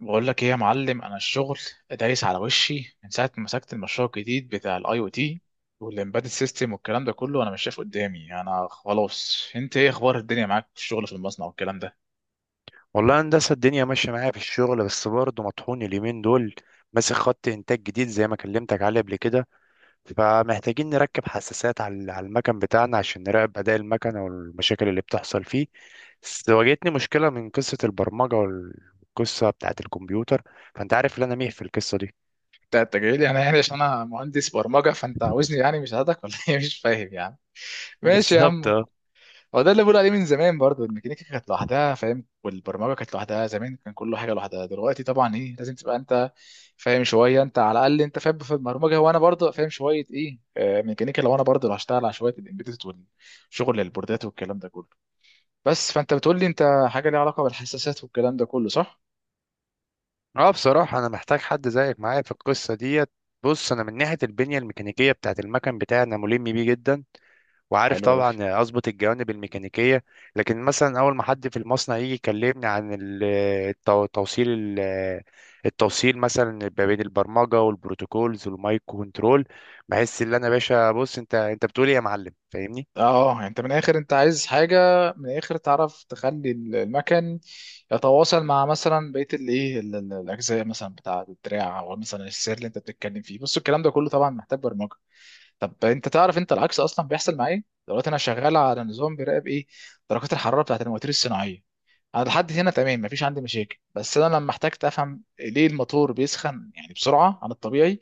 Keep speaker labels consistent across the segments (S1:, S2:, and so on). S1: بقول لك ايه يا معلم، انا الشغل دايس على وشي من ساعه ما مسكت المشروع الجديد بتاع الاي او تي والامبيدد سيستم والكلام ده كله. انا مش شايف قدامي. انا خلاص، انت ايه اخبار الدنيا معاك في الشغل في المصنع والكلام ده؟
S2: والله هندسة الدنيا ماشية معايا في الشغل، بس برضه مطحون اليومين دول. ماسك خط إنتاج جديد زي ما كلمتك عليه قبل كده، فمحتاجين نركب حساسات على المكن بتاعنا عشان نراقب أداء المكن والمشاكل اللي بتحصل فيه. بس واجهتني مشكلة من قصة البرمجة والقصة بتاعة الكمبيوتر، فأنت عارف إن أنا ميه في القصة دي.
S1: انت جاي لي انا عشان انا مهندس برمجه، فانت عاوزني مش هادك ولا ايه؟ مش فاهم يعني. ماشي يا
S2: بالظبط
S1: عم.
S2: اه.
S1: هو ده اللي بقول عليه من زمان برضو، الميكانيكا كانت لوحدها فاهم، والبرمجه كانت لوحدها، زمان كان كل حاجه لوحدها، دلوقتي طبعا ايه لازم تبقى انت فاهم شويه، انت على الاقل انت فاهم في البرمجه، وانا برضو فاهم شويه ايه ميكانيكا، لو انا برضو لو هشتغل على شويه الامبيدد والشغل البوردات والكلام ده كله. بس فانت بتقول لي انت حاجه ليها علاقه بالحساسات والكلام ده كله، صح؟
S2: اه، بصراحة أنا محتاج حد زيك معايا في القصة ديت. بص أنا من ناحية البنية الميكانيكية بتاعة المكن بتاعي أنا ملم بيه جدا، وعارف
S1: حلو قوي.
S2: طبعا اظبط الجوانب الميكانيكيه. لكن مثلا اول ما حد في المصنع يجي يكلمني عن التو- توصيل ال- التوصيل مثلا ما بين البرمجه والبروتوكولز والمايكرو كنترول، بحس ان انا يا باشا. بص، انت بتقول ايه يا معلم؟ فاهمني؟
S1: اه يعني انت من الاخر انت عايز حاجه، من الاخر تعرف تخلي المكن يتواصل مع مثلا بقيه الايه الاجزاء مثلا بتاع الدراع او مثلا السير اللي انت بتتكلم فيه. بص الكلام ده كله طبعا محتاج برمجه. طب انت تعرف انت العكس اصلا بيحصل معايا، دلوقتي انا شغال على نظام بيراقب ايه، درجات الحراره بتاعت المواتير الصناعيه. انا لحد هنا تمام، مفيش عندي مشاكل، بس انا لما احتجت افهم ليه الموتور بيسخن يعني بسرعه عن الطبيعي،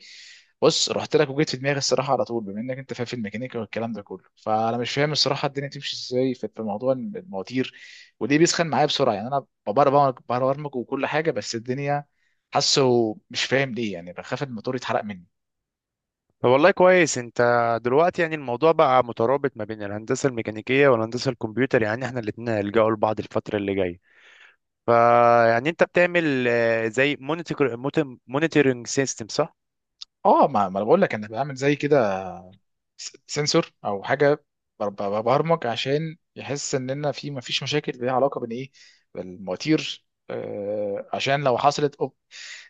S1: بص رحت لك وجيت في دماغي الصراحه على طول، بما انك انت فاهم في الميكانيكا والكلام ده كله، فانا مش فاهم الصراحه الدنيا تمشي ازاي في موضوع المواتير، وليه بيسخن معايا بسرعه. يعني انا ببرمج ببرمج وكل حاجه، بس الدنيا حاسه مش فاهم ليه، يعني بخاف الموتور يتحرق مني.
S2: فوالله كويس انت. دلوقتي يعني الموضوع بقى مترابط ما بين الهندسه الميكانيكيه والهندسه الكمبيوتر، يعني احنا الاثنين هنلجأوا لبعض الفتره اللي جايه. فيعني انت بتعمل زي مونيتور، مونيتورنج سيستم، صح؟
S1: اه ما انا بقول لك انا بعمل زي كده سنسور او حاجه، ببرمج عشان يحس اننا في ما فيش مشاكل ليها علاقه بين ايه، بالمواتير عشان لو حصلت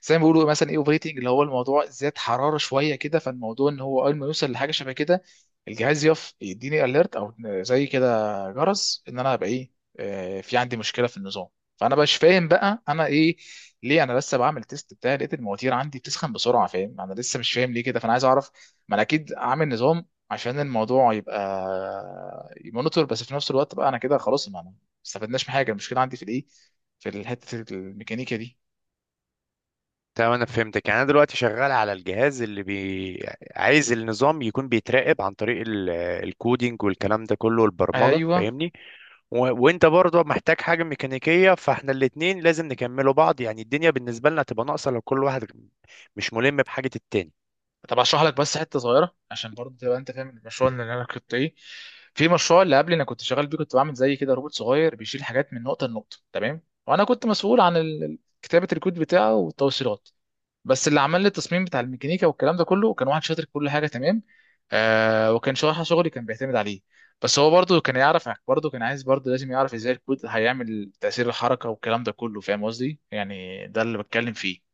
S1: زي ما بيقولوا مثلا ايه اوبريتنج، اللي هو الموضوع زاد حراره شويه كده، فالموضوع ان هو اول ما يوصل لحاجه شبه كده الجهاز يقف يديني اليرت او زي كده جرس، ان انا هبقى ايه، في عندي مشكله في النظام. فانا مش فاهم بقى انا ايه، ليه انا لسه بعمل تيست بتاعي لقيت المواتير عندي بتسخن بسرعه، فاهم؟ انا لسه مش فاهم ليه كده، فانا عايز اعرف. ما انا اكيد عامل نظام عشان الموضوع يبقى يمونيتور، بس في نفس الوقت بقى انا كده خلاص ما استفدناش من حاجه، المشكله عندي في الايه، في حته الميكانيكا دي.
S2: تمام، انا فهمتك. يعني انا دلوقتي شغال على الجهاز عايز النظام يكون بيتراقب عن طريق الكودينج والكلام ده كله والبرمجه،
S1: ايوه.
S2: فاهمني؟ و... وانت برضه محتاج حاجه ميكانيكيه، فاحنا الاتنين لازم نكملوا بعض، يعني الدنيا بالنسبه لنا تبقى ناقصه لو كل واحد مش ملم بحاجه
S1: طب اشرح لك بس حته صغيره عشان برضه تبقى انت فاهم المشروع
S2: التاني.
S1: اللي انا كنت ايه، في مشروع اللي قبل انا كنت شغال بيه، كنت بعمل زي كده روبوت صغير بيشيل حاجات من نقطه لنقطه، تمام؟ وانا كنت مسؤول عن كتابه الكود بتاعه والتوصيلات، بس اللي عمل لي التصميم بتاع الميكانيكا والكلام ده كله كان واحد شاطر في كل حاجه، تمام؟ آه، وكان شرح شغلي كان بيعتمد عليه، بس هو برضه كان يعرف، برضه كان عايز، برضه لازم يعرف ازاي الكود هيعمل تأثير الحركه والكلام ده كله، فاهم قصدي يعني، ده اللي بتكلم فيه.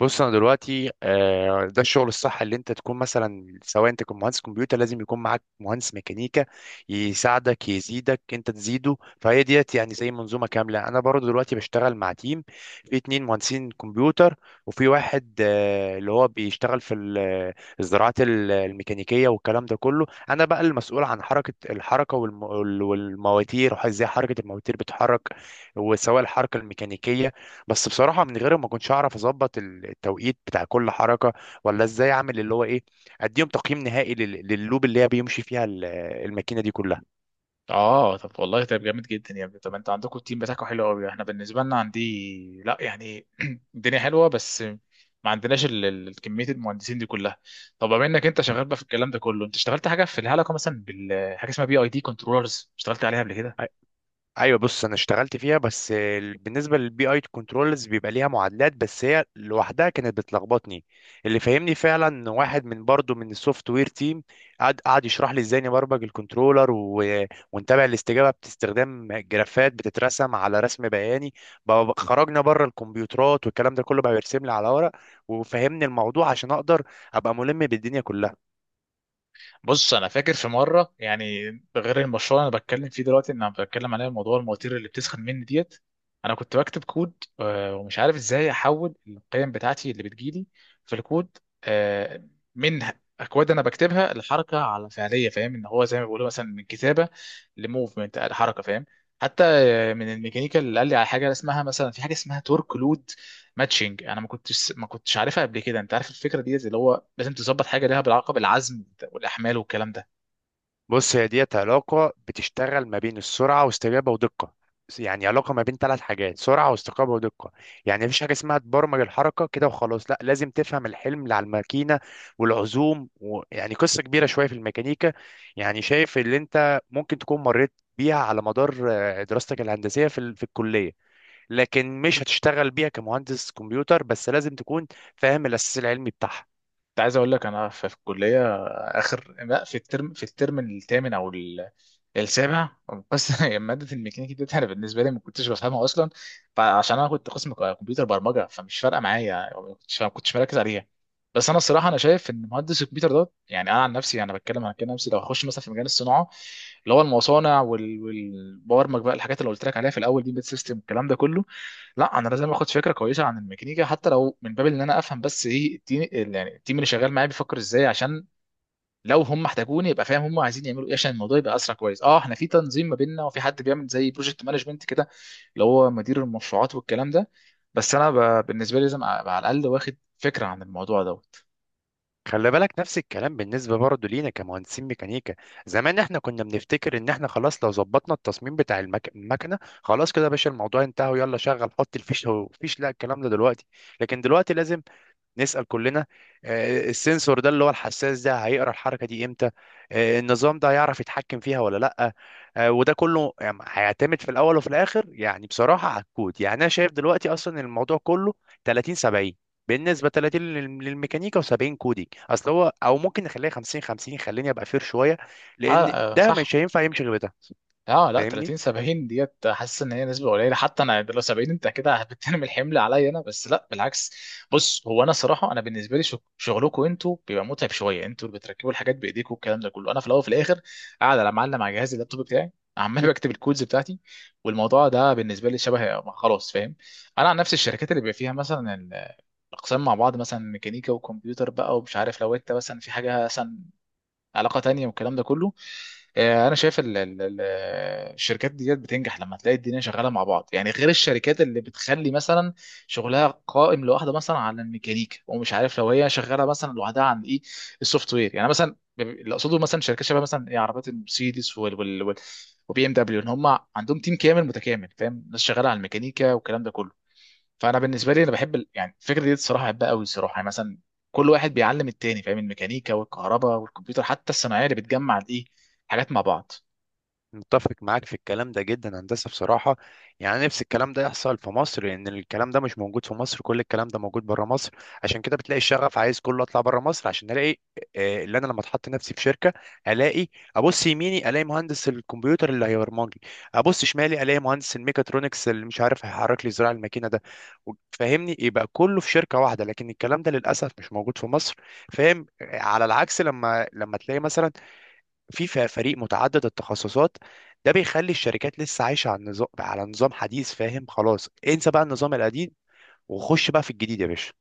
S2: بص انا دلوقتي، ده الشغل الصح، اللي انت تكون مثلا سواء انت كنت مهندس كمبيوتر لازم يكون معاك مهندس ميكانيكا يساعدك، يزيدك انت تزيده، فهي ديت يعني زي منظومه كامله. انا برضو دلوقتي بشتغل مع تيم، في اتنين مهندسين كمبيوتر، وفي واحد اللي هو بيشتغل في الزراعات الميكانيكيه والكلام ده كله. انا بقى المسؤول عن حركه الحركه والم- وال- والمواتير وازاي حركه المواتير بتتحرك، وسواء الحركه الميكانيكيه. بس بصراحة من غيره ما كنتش أعرف أظبط التوقيت بتاع كل حركة، ولا إزاي أعمل اللي هو إيه، أديهم تقييم نهائي لللوب اللي هي بيمشي فيها الماكينة دي كلها.
S1: اه طب والله طب جامد جدا يا ابني. طب انت عندكم التيم بتاعكم حلو قوي، احنا بالنسبه لنا عندي لا يعني الدنيا حلوه بس ما عندناش كميه المهندسين دي كلها. طب بما انك انت شغال بقى في الكلام ده كله، انت اشتغلت حاجه في الهلكه مثلا بالحاجه اسمها بي اي دي كنترولرز؟ اشتغلت عليها قبل كده؟
S2: ايوه. بص انا اشتغلت فيها، بس بالنسبه للبي اي كنترولز بيبقى ليها معادلات، بس هي لوحدها كانت بتلخبطني. اللي فهمني فعلا إن واحد من برضه من السوفت وير تيم قعد يشرح لي ازاي نبرمج الكنترولر، ونتابع الاستجابه باستخدام جرافات بتترسم على رسم بياني. بقى خرجنا بره الكمبيوترات والكلام ده كله، بقى بيرسم لي على ورق وفهمني الموضوع عشان اقدر ابقى ملم بالدنيا كلها.
S1: بص انا فاكر في مره يعني، غير المشروع اللي انا بتكلم فيه دلوقتي ان انا بتكلم عليه موضوع المواتير اللي بتسخن مني ديت، انا كنت بكتب كود ومش عارف ازاي احول القيم بتاعتي اللي بتجيلي في الكود آه، من اكواد انا بكتبها لحركه على فعليه، فاهم؟ ان هو زي ما بيقولوا مثلا من كتابه لموفمنت لحركه، فاهم؟ حتى من الميكانيكا اللي قال لي على حاجه اسمها مثلا، في حاجه اسمها تورك لود ماتشنج، انا ما كنتش عارفها قبل كده. انت عارف الفكره دي زي اللي هو لازم تظبط حاجه ليها بالعلاقه بالعزم والاحمال والكلام ده.
S2: بص هي ديت علاقة بتشتغل ما بين السرعة واستجابة ودقة، يعني علاقة ما بين ثلاث حاجات، سرعة واستجابة ودقة. يعني مفيش حاجة اسمها تبرمج الحركة كده وخلاص، لا لازم تفهم الحلم اللي على الماكينة والعزوم يعني قصة كبيرة شوية في الميكانيكا. يعني شايف اللي انت ممكن تكون مريت بيها على مدار دراستك الهندسية في الكلية، لكن مش هتشتغل بيها كمهندس كمبيوتر، بس لازم تكون فاهم الأساس العلمي بتاعها.
S1: انت عايز اقول لك انا في الكليه اخر، لا في الترم، في الترم الثامن او السابع بس، هي ماده الميكانيكا دي انا بالنسبه لي ما كنتش بفهمها اصلا، فعشان انا كنت قسم كمبيوتر برمجه، فمش فارقه معايا، ما كنتش مركز عليها. بس انا الصراحه انا شايف ان مهندس الكمبيوتر ده، يعني انا عن نفسي انا بتكلم، عن كده نفسي لو هخش مثلا في مجال الصناعه، اللي هو المصانع والبرمج بقى الحاجات اللي قلت لك عليها في الاول دي، بيت سيستم الكلام ده كله، لا انا لازم اخد فكره كويسه عن الميكانيكا، حتى لو من باب ان انا افهم بس ايه التيم يعني، التيم اللي شغال معايا بيفكر ازاي، عشان لو هم احتاجوني يبقى فاهم هم عايزين يعملوا ايه، عشان الموضوع يبقى اسرع كويس. اه احنا في تنظيم ما بيننا، وفي حد بيعمل زي بروجكت مانجمنت كده، اللي هو مدير المشروعات والكلام ده، بس انا بالنسبه لي لازم ابقى على الاقل واخد فكره عن الموضوع دوت.
S2: خلي بالك نفس الكلام بالنسبة برضه لينا كمهندسين ميكانيكا، زمان احنا كنا بنفتكر ان احنا خلاص لو ظبطنا التصميم بتاع المكنة خلاص كده يا باشا، الموضوع انتهى ويلا شغل، حط الفيش هو فيش. لا، الكلام ده دلوقتي، لكن دلوقتي لازم نسأل كلنا، السنسور ده اللي هو الحساس ده هيقرأ الحركة دي امتى؟ النظام ده هيعرف يتحكم فيها ولا لأ؟ وده كله يعني هيعتمد في الأول وفي الآخر، يعني بصراحة على الكود. يعني أنا شايف دلوقتي أصلا الموضوع كله 30 70، بالنسبة 30 للميكانيكا و70 كودينج. أصل هو أو ممكن نخليها 50 50، خليني أبقى فير شوية،
S1: آه
S2: لأن
S1: آه،
S2: ده
S1: صح.
S2: مش هينفع يمشي غير ده.
S1: اه لا
S2: فاهمني؟
S1: 30 70 ديت، حاسس ان هي نسبه قليله، حتى انا لو 70 انت كده بترمي الحمل عليا انا، بس لا بالعكس. بص هو انا صراحه انا بالنسبه لي شغلكم انتوا بيبقى متعب شويه، انتوا اللي بتركبوا الحاجات بايديكم والكلام ده كله، انا في الاول وفي الاخر قاعد على معلم على جهاز اللابتوب بتاعي، عمال بكتب الكودز بتاعتي، والموضوع ده بالنسبه لي شبه ما خلاص، فاهم؟ انا عن نفس الشركات اللي بيبقى فيها مثلا الاقسام مع بعض، مثلا ميكانيكا وكمبيوتر بقى، ومش عارف لو انت مثلا في حاجه مثلا علاقه تانية والكلام ده كله، انا شايف الشركات ديت بتنجح لما تلاقي الدنيا شغاله مع بعض، يعني غير الشركات اللي بتخلي مثلا شغلها قائم لوحده مثلا على الميكانيكا، ومش عارف لو هي شغاله مثلا لوحدها عن ايه، السوفت وير، يعني مثلا اللي اقصده مثلا شركات شبه مثلا ايه عربيات المرسيدس وال وال وبي ام دبليو، ان هم عندهم تيم كامل متكامل فاهم، ناس شغاله على الميكانيكا والكلام ده كله، فانا بالنسبه لي انا بحب يعني الفكره دي الصراحه بحبها قوي الصراحه، يعني مثلا كل واحد بيعلم التاني فاهم، الميكانيكا والكهرباء والكمبيوتر حتى الصناعيه اللي بتجمع الايه، حاجات مع بعض.
S2: متفق معاك في الكلام ده جدا. هندسة بصراحة، يعني نفس الكلام ده يحصل في مصر، لأن الكلام ده مش موجود في مصر، كل الكلام ده موجود بره مصر. عشان كده بتلاقي الشغف عايز كله أطلع بره مصر، عشان ألاقي اللي أنا لما أتحط نفسي في شركة، ألاقي أبص يميني ألاقي مهندس الكمبيوتر اللي هيبرمج لي، أبص شمالي ألاقي مهندس الميكاترونكس اللي مش عارف هيحرك لي زراع الماكينة ده، فاهمني؟ يبقى كله في شركة واحدة، لكن الكلام ده للأسف مش موجود في مصر، فاهم؟ على العكس، لما تلاقي مثلا فريق متعدد التخصصات، ده بيخلي الشركات لسه عايشه على النظام، على نظام حديث، فاهم؟ خلاص انسى بقى النظام القديم وخش بقى في الجديد يا باشا.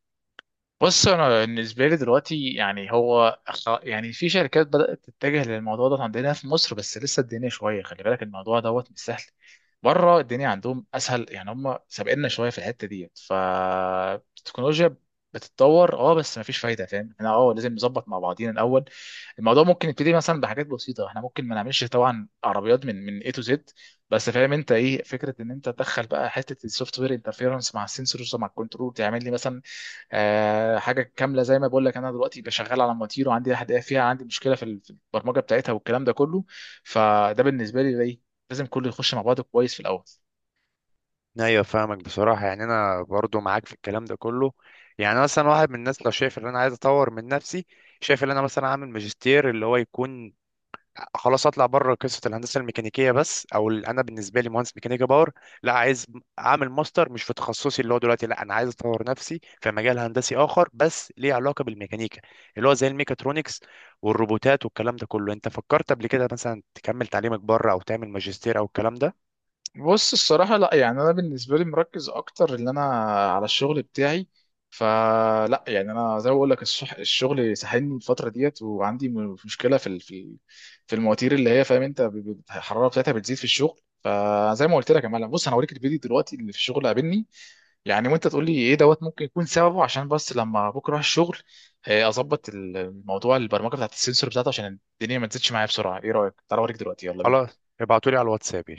S1: بص انا بالنسبه لي دلوقتي يعني هو يعني في شركات بدات تتجه للموضوع ده عندنا في مصر، بس لسه الدنيا شويه، خلي بالك الموضوع دوت مش سهل. بره الدنيا عندهم اسهل، يعني هم سابقنا شويه في الحته ديت، فالتكنولوجيا بتتطور اه، بس مفيش فايده فاهم، احنا اه لازم نظبط مع بعضينا الاول. الموضوع ممكن يبتدي مثلا بحاجات بسيطه، احنا ممكن ما نعملش طبعا عربيات من اي تو زد، بس فاهم انت ايه فكره ان انت تدخل بقى حته السوفت وير انترفيرنس مع السنسورز ومع الكنترول، تعمل لي مثلا حاجه كامله زي ما بقول لك. انا دلوقتي بشغال على مواتير وعندي حد فيها، عندي مشكله في في البرمجه بتاعتها والكلام ده كله، فده بالنسبه لي ايه، لازم كله يخش مع بعضه كويس في الاول.
S2: ايوه فاهمك بصراحه. يعني انا برضو معاك في الكلام ده كله، يعني أنا مثلا واحد من الناس لو شايف ان انا عايز اطور من نفسي، شايف ان انا مثلا اعمل ماجستير اللي هو يكون خلاص اطلع بره قصه الهندسه الميكانيكيه بس، او انا بالنسبه لي مهندس ميكانيكا باور، لا عايز اعمل ماستر مش في تخصصي اللي هو دلوقتي، لا انا عايز اطور نفسي في مجال هندسي اخر بس ليه علاقه بالميكانيكا، اللي هو زي الميكاترونكس والروبوتات والكلام ده كله. انت فكرت قبل كده مثلا تكمل تعليمك بره او تعمل ماجستير او الكلام ده؟
S1: بص الصراحه لا، يعني انا بالنسبه لي مركز اكتر ان انا على الشغل بتاعي، فلا يعني انا زي ما بقول لك، الشغل ساحلني الفتره ديت، وعندي مشكله في في المواتير اللي هي فاهم انت الحراره بتاعتها بتزيد في الشغل، فزي ما قلت لك يا معلم، بص انا هوريك الفيديو دلوقتي اللي في الشغل قابلني يعني، وانت تقول لي ايه دوت ممكن يكون سببه، عشان بس لما بكره اروح الشغل اظبط الموضوع البرمجه بتاعت السنسور بتاعته عشان الدنيا ما تزيدش معايا بسرعه. ايه رايك؟ تعال اوريك دلوقتي، يلا بينا.
S2: خلاص ابعتولي على الواتساب يا